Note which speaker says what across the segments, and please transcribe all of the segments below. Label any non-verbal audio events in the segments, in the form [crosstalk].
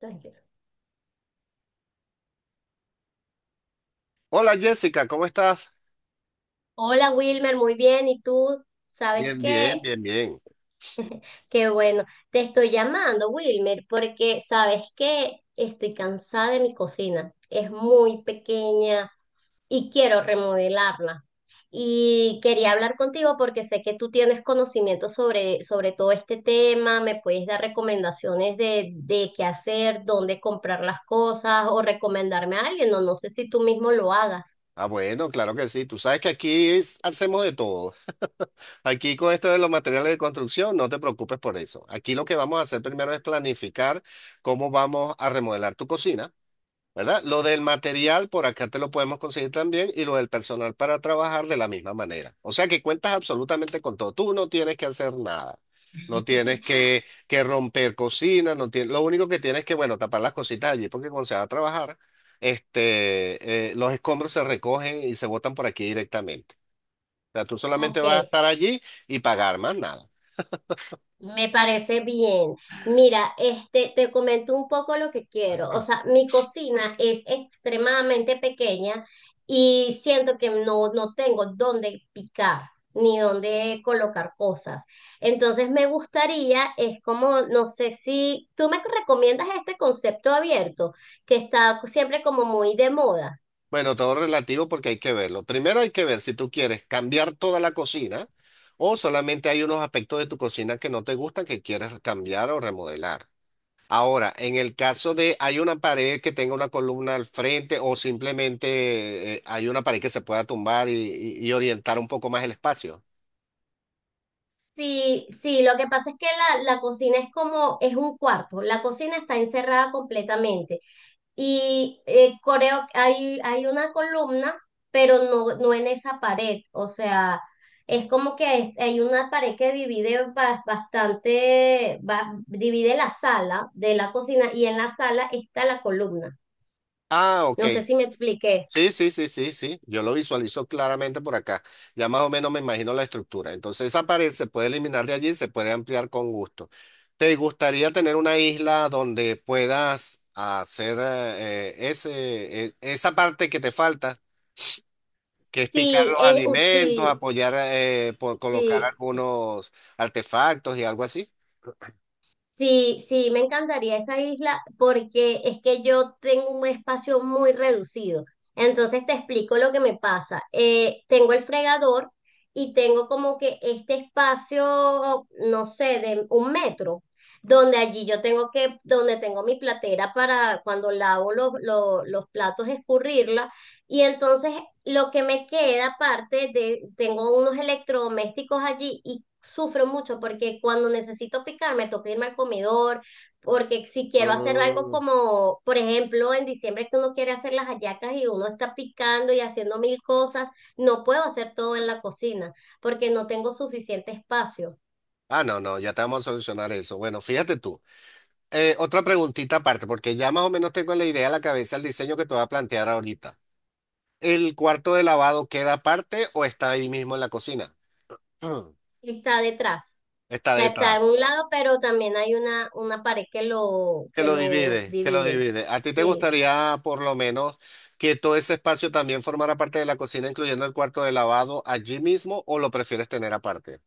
Speaker 1: Tranquilo.
Speaker 2: Hola Jessica, ¿cómo estás?
Speaker 1: Hola Wilmer, muy bien. ¿Y tú? ¿Sabes
Speaker 2: Bien, bien,
Speaker 1: qué?
Speaker 2: bien, bien.
Speaker 1: Qué bueno. Te estoy llamando, Wilmer, porque sabes que estoy cansada de mi cocina. Es muy pequeña y quiero remodelarla. Y quería hablar contigo porque sé que tú tienes conocimiento sobre todo este tema, me puedes dar recomendaciones de qué hacer, dónde comprar las cosas o recomendarme a alguien, o no sé si tú mismo lo hagas.
Speaker 2: Bueno, claro que sí. Tú sabes que aquí hacemos de todo. Aquí con esto de los materiales de construcción, no te preocupes por eso. Aquí lo que vamos a hacer primero es planificar cómo vamos a remodelar tu cocina. ¿Verdad? Lo del material por acá te lo podemos conseguir también y lo del personal para trabajar de la misma manera. O sea que cuentas absolutamente con todo. Tú no tienes que hacer nada. No tienes
Speaker 1: [laughs]
Speaker 2: que romper cocinas no tienes, lo único que tienes que, bueno, tapar las cositas allí porque cuando se va a trabajar, los escombros se recogen y se botan por aquí directamente. O sea, tú solamente
Speaker 1: Ok.
Speaker 2: vas a estar allí y pagar más nada.
Speaker 1: Me parece bien. Mira, este, te comento un poco lo que quiero. O sea, mi cocina es extremadamente pequeña y siento que no tengo dónde picar ni dónde colocar cosas. Entonces me gustaría, es como, no sé si tú me recomiendas este concepto abierto, que está siempre como muy de moda.
Speaker 2: Bueno, todo relativo porque hay que verlo. Primero hay que ver si tú quieres cambiar toda la cocina o solamente hay unos aspectos de tu cocina que no te gustan que quieres cambiar o remodelar. Ahora, en el caso de hay una pared que tenga una columna al frente o simplemente hay una pared que se pueda tumbar y orientar un poco más el espacio.
Speaker 1: Sí, sí, lo que pasa es que la cocina es como, es un cuarto, la cocina está encerrada completamente. Y creo que hay una columna, pero no en esa pared. O sea, es como que hay una pared que divide bastante, divide la sala de la cocina y en la sala está la columna.
Speaker 2: Ah, ok.
Speaker 1: No sé si me expliqué.
Speaker 2: Sí, sí, sí, sí, sí. Yo lo visualizo claramente por acá. Ya más o menos me imagino la estructura. Entonces esa pared se puede eliminar de allí y se puede ampliar con gusto. ¿Te gustaría tener una isla donde puedas hacer esa parte que te falta, que es picar
Speaker 1: Sí,
Speaker 2: los
Speaker 1: es,
Speaker 2: alimentos,
Speaker 1: sí,
Speaker 2: apoyar por colocar
Speaker 1: sí.
Speaker 2: algunos artefactos y algo así?
Speaker 1: Sí, sí, me encantaría esa isla porque es que yo tengo un espacio muy reducido. Entonces te explico lo que me pasa. Tengo el fregador y tengo como que este espacio, no sé, de un metro, donde allí yo tengo que, donde tengo mi platera para cuando lavo los platos escurrirla. Y entonces lo que me queda aparte de, tengo unos electrodomésticos allí y sufro mucho porque cuando necesito picar me toca irme al comedor, porque si quiero hacer algo
Speaker 2: Mm.
Speaker 1: como, por ejemplo, en diciembre que uno quiere hacer las hallacas y uno está picando y haciendo mil cosas, no puedo hacer todo en la cocina porque no tengo suficiente espacio.
Speaker 2: No, no, ya te vamos a solucionar eso. Bueno, fíjate tú. Otra preguntita aparte, porque ya más o menos tengo en la idea en la cabeza el diseño que te voy a plantear ahorita. ¿El cuarto de lavado queda aparte o está ahí mismo en la cocina? [clears throat] Mm,
Speaker 1: Está detrás. O
Speaker 2: Está
Speaker 1: sea, está
Speaker 2: detrás.
Speaker 1: en un lado, pero también hay una pared que lo,
Speaker 2: Que
Speaker 1: que
Speaker 2: lo
Speaker 1: los
Speaker 2: divide, que lo
Speaker 1: divide.
Speaker 2: divide. ¿A ti te
Speaker 1: Sí.
Speaker 2: gustaría por lo menos que todo ese espacio también formara parte de la cocina, incluyendo el cuarto de lavado allí mismo o lo prefieres tener aparte?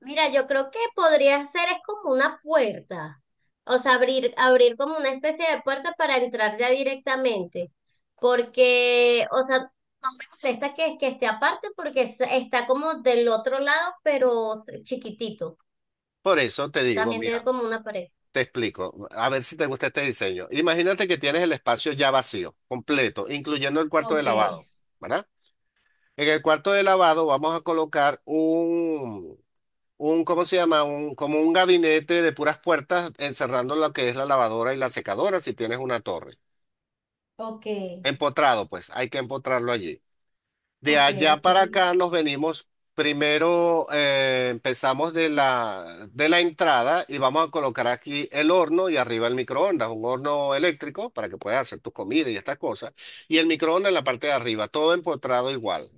Speaker 1: Mira, yo creo que podría ser, es como una puerta, o sea, abrir como una especie de puerta para entrar ya directamente, porque, o sea, no me molesta que esté aparte porque está como del otro lado, pero s- chiquitito,
Speaker 2: Por eso te digo,
Speaker 1: también
Speaker 2: mira,
Speaker 1: tiene como una pared.
Speaker 2: te explico, a ver si te gusta este diseño. Imagínate que tienes el espacio ya vacío, completo, incluyendo el cuarto de
Speaker 1: Ok,
Speaker 2: lavado, ¿verdad? En el cuarto de lavado vamos a colocar ¿cómo se llama? Un, como un gabinete de puras puertas encerrando lo que es la lavadora y la secadora si tienes una torre.
Speaker 1: ok,
Speaker 2: Empotrado, pues, hay que empotrarlo allí. De
Speaker 1: ok,
Speaker 2: allá
Speaker 1: ok.
Speaker 2: para acá nos venimos, primero empezamos de la entrada y vamos a colocar aquí el horno y arriba el microondas, un horno eléctrico para que puedas hacer tu comida y estas cosas. Y el microondas en la parte de arriba, todo empotrado igual.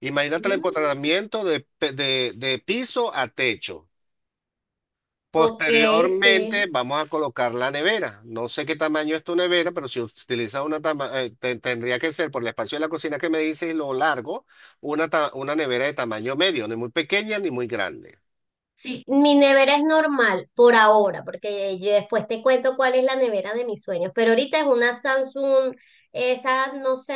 Speaker 2: Imagínate el
Speaker 1: Mm,
Speaker 2: empotramiento de piso a techo.
Speaker 1: ok,
Speaker 2: Posteriormente
Speaker 1: sí.
Speaker 2: vamos a colocar la nevera. No sé qué tamaño es tu nevera, pero si utilizas una tendría que ser por el espacio de la cocina que me dices y lo largo, una nevera de tamaño medio, ni muy pequeña ni muy grande.
Speaker 1: Sí, mi nevera es normal por ahora, porque yo después te cuento cuál es la nevera de mis sueños, pero ahorita es una Samsung, esa no sé,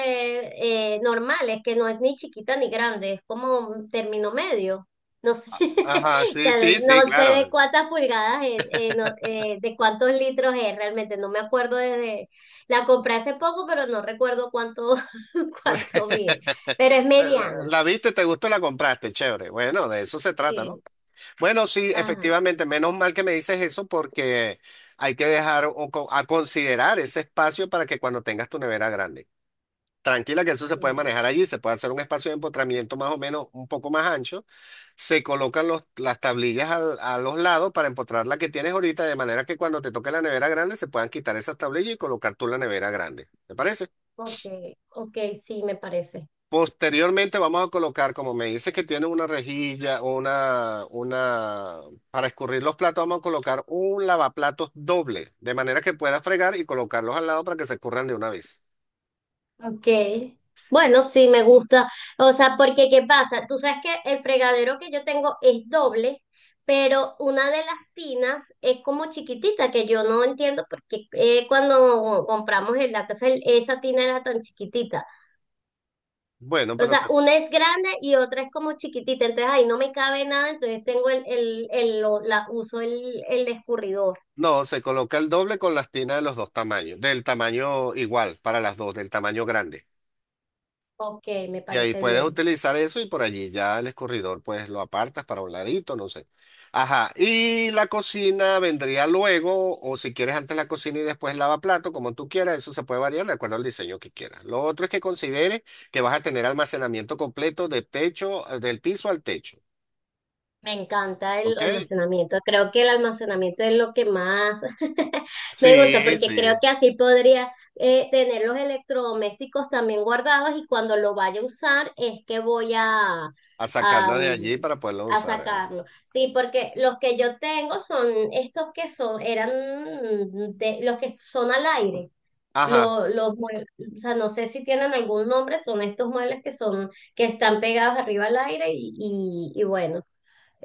Speaker 1: normal, es que no es ni chiquita ni grande, es como un término medio, no sé, [laughs]
Speaker 2: Ajá,
Speaker 1: o
Speaker 2: sí,
Speaker 1: sea,
Speaker 2: sí, sí,
Speaker 1: no sé de
Speaker 2: claro.
Speaker 1: cuántas pulgadas es, de cuántos litros es realmente, no me acuerdo desde, la compré hace poco, pero no recuerdo cuánto, [laughs] cuánto mide,
Speaker 2: [laughs]
Speaker 1: pero es mediana.
Speaker 2: La viste, te gustó, la compraste, chévere. Bueno, de eso se trata, ¿no?
Speaker 1: Sí.
Speaker 2: Bueno, sí,
Speaker 1: Ajá,
Speaker 2: efectivamente, menos mal que me dices eso porque hay que dejar o a considerar ese espacio para que cuando tengas tu nevera grande. Tranquila que eso se puede
Speaker 1: sí.
Speaker 2: manejar allí, se puede hacer un espacio de empotramiento más o menos un poco más ancho. Se colocan las tablillas a los lados para empotrar la que tienes ahorita, de manera que cuando te toque la nevera grande se puedan quitar esas tablillas y colocar tú la nevera grande. ¿Te parece?
Speaker 1: Ok, ok, sí, me parece.
Speaker 2: Posteriormente vamos a colocar, como me dice que tiene una rejilla, para escurrir los platos, vamos a colocar un lavaplatos doble, de manera que pueda fregar y colocarlos al lado para que se escurran de una vez.
Speaker 1: Ok. Bueno, sí, me gusta. O sea, porque ¿qué pasa? Tú sabes que el fregadero que yo tengo es doble, pero una de las tinas es como chiquitita, que yo no entiendo porque cuando compramos en la casa esa tina era tan chiquitita.
Speaker 2: Bueno,
Speaker 1: O
Speaker 2: pero
Speaker 1: sea, una es grande y otra es como chiquitita, entonces ahí no me cabe nada, entonces tengo uso el escurridor.
Speaker 2: no, se coloca el doble con las tinas de los dos tamaños, del tamaño igual para las dos, del tamaño grande.
Speaker 1: Ok, me
Speaker 2: Y ahí
Speaker 1: parece
Speaker 2: puedes
Speaker 1: bien.
Speaker 2: utilizar eso y por allí ya el escurridor pues lo apartas para un ladito, no sé. Ajá, y la cocina vendría luego o si quieres antes la cocina y después lava como tú quieras, eso se puede variar de acuerdo al diseño que quieras. Lo otro es que consideres que vas a tener almacenamiento completo de techo, del piso al techo,
Speaker 1: Me encanta el
Speaker 2: ¿ok?
Speaker 1: almacenamiento. Creo que el almacenamiento es lo que más [laughs] me gusta
Speaker 2: Sí,
Speaker 1: porque creo
Speaker 2: sí.
Speaker 1: que así podría tener los electrodomésticos también guardados y cuando lo vaya a usar es que voy a,
Speaker 2: A
Speaker 1: a,
Speaker 2: sacarla de allí
Speaker 1: mm,
Speaker 2: para poderla
Speaker 1: a
Speaker 2: usar.
Speaker 1: sacarlo. Sí, porque los que yo tengo son estos que son, eran de, los que son al aire.
Speaker 2: Ajá,
Speaker 1: Lo- los mue- o sea, no sé si tienen algún nombre, son estos muebles que son, que están pegados arriba al aire y bueno.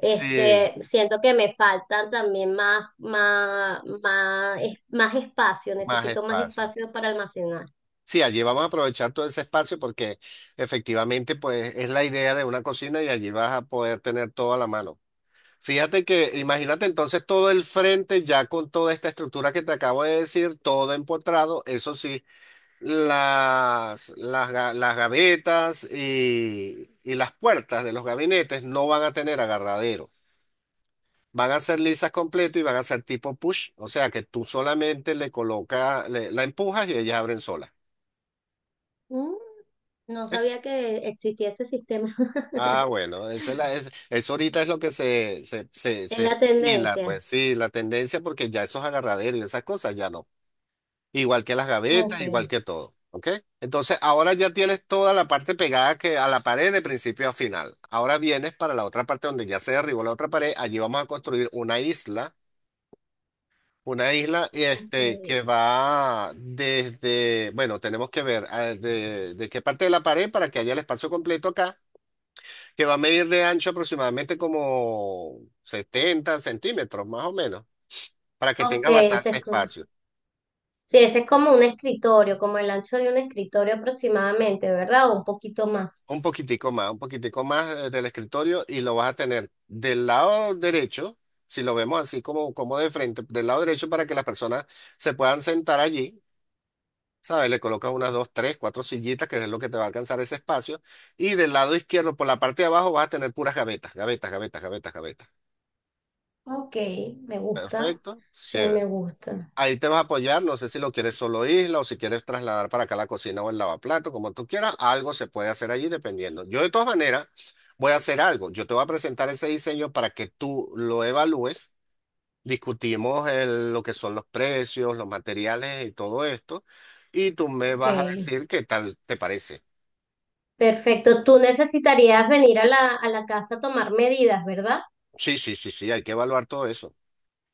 Speaker 2: sí,
Speaker 1: siento que me faltan también más, más espacio,
Speaker 2: más
Speaker 1: necesito más
Speaker 2: espacio.
Speaker 1: espacio para almacenar.
Speaker 2: Sí, allí vamos a aprovechar todo ese espacio porque efectivamente pues es la idea de una cocina y allí vas a poder tener todo a la mano. Fíjate que imagínate entonces todo el frente ya con toda esta estructura que te acabo de decir, todo empotrado, eso sí, las gavetas y las puertas de los gabinetes no van a tener agarradero. Van a ser lisas completo y van a ser tipo push, o sea que tú solamente le colocas, la empujas y ellas abren solas.
Speaker 1: Mm, no sabía que existía ese sistema [laughs]
Speaker 2: Bueno, esa eso ahorita es lo que se, se, se,
Speaker 1: en
Speaker 2: se
Speaker 1: la
Speaker 2: estila, pues
Speaker 1: tendencia.
Speaker 2: sí, la tendencia, porque ya esos agarraderos y esas cosas ya no. Igual que las
Speaker 1: Ok,
Speaker 2: gavetas, igual que todo. ¿Ok? Entonces, ahora ya tienes toda la parte pegada que a la pared de principio a final. Ahora vienes para la otra parte donde ya se derribó la otra pared. Allí vamos a construir una isla este,
Speaker 1: ok.
Speaker 2: que va desde, bueno, tenemos que ver de qué parte de la pared para que haya el espacio completo acá que va a medir de ancho aproximadamente como 70 centímetros, más o menos, para que
Speaker 1: Ok,
Speaker 2: tenga
Speaker 1: ese
Speaker 2: bastante
Speaker 1: es,
Speaker 2: espacio.
Speaker 1: sí, ese es como un escritorio, como el ancho de un escritorio aproximadamente, ¿verdad? O un poquito más.
Speaker 2: Un poquitico más del escritorio y lo vas a tener del lado derecho, si lo vemos así como, como de frente, del lado derecho para que las personas se puedan sentar allí. ¿Sabes? Le colocas unas dos, tres, cuatro sillitas, que es lo que te va a alcanzar ese espacio. Y del lado izquierdo, por la parte de abajo, vas a tener puras gavetas, gavetas, gavetas, gavetas, gavetas.
Speaker 1: Ok, me gusta.
Speaker 2: Perfecto.
Speaker 1: Sí, me
Speaker 2: Chévere.
Speaker 1: gusta.
Speaker 2: Ahí te vas a apoyar, no sé si lo quieres solo isla o si quieres trasladar para acá la cocina o el lavaplato, como tú quieras, algo se puede hacer allí dependiendo. Yo de todas maneras voy a hacer algo, yo te voy a presentar ese diseño para que tú lo evalúes, discutimos lo que son los precios, los materiales y todo esto, y tú me
Speaker 1: Ok,
Speaker 2: vas a decir qué tal te parece.
Speaker 1: perfecto. Tú necesitarías venir a a la casa a tomar medidas, ¿verdad?
Speaker 2: Sí, sí, sí, sí, hay que evaluar todo eso.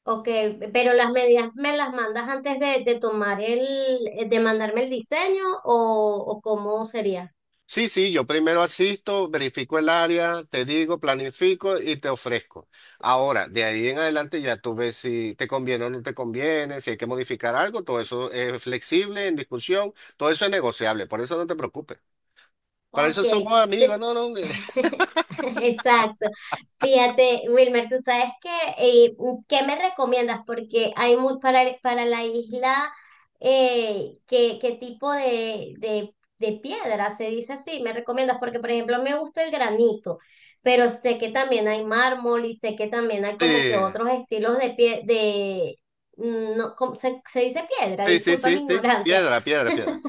Speaker 1: Ok, pero las medidas me las mandas antes de tomar el, de mandarme el diseño o, ¿o cómo sería?
Speaker 2: Sí, sí, yo primero asisto, verifico el área, te digo, planifico y te ofrezco. Ahora, de ahí en adelante ya tú ves si te conviene o no te conviene, si hay que modificar algo, todo eso es flexible, en discusión, todo eso es negociable, por eso no te preocupes. Para eso
Speaker 1: Ok,
Speaker 2: somos amigos,
Speaker 1: te-
Speaker 2: no, no. [laughs]
Speaker 1: [laughs] exacto. Fíjate, Wilmer, tú sabes que, eh, ¿qué me recomiendas? Porque hay muy, para la isla, ¿qué tipo de piedra se dice así? ¿Me recomiendas? Porque, por ejemplo, me gusta el granito, pero sé que también hay mármol y sé que también hay
Speaker 2: Sí,
Speaker 1: como que otros estilos de pie, de, mm, no, ¿cómo se dice piedra?
Speaker 2: sí, sí,
Speaker 1: Disculpa
Speaker 2: sí,
Speaker 1: mi
Speaker 2: sí,
Speaker 1: ignorancia,
Speaker 2: piedra, piedra, piedra.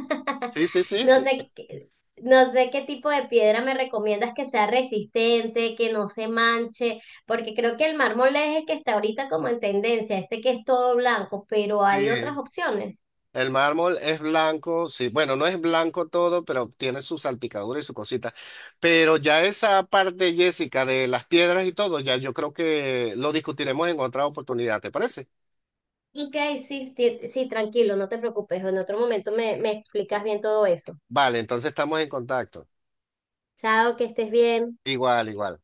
Speaker 2: Sí, sí, sí,
Speaker 1: no
Speaker 2: sí.
Speaker 1: sé, qué- no sé qué tipo de piedra me recomiendas que sea resistente, que no se manche, porque creo que el mármol es el que está ahorita como en tendencia, este que es todo blanco, pero hay otras
Speaker 2: Sí.
Speaker 1: opciones.
Speaker 2: El mármol es blanco, sí, bueno, no es blanco todo, pero tiene su salpicadura y su cosita. Pero ya esa parte, Jessica, de las piedras y todo, ya yo creo que lo discutiremos en otra oportunidad, ¿te parece?
Speaker 1: Ok, sí, ti- sí, tranquilo, no te preocupes, en otro momento me explicas bien todo eso.
Speaker 2: Vale, entonces estamos en contacto.
Speaker 1: Chao, que estés bien.
Speaker 2: Igual, igual.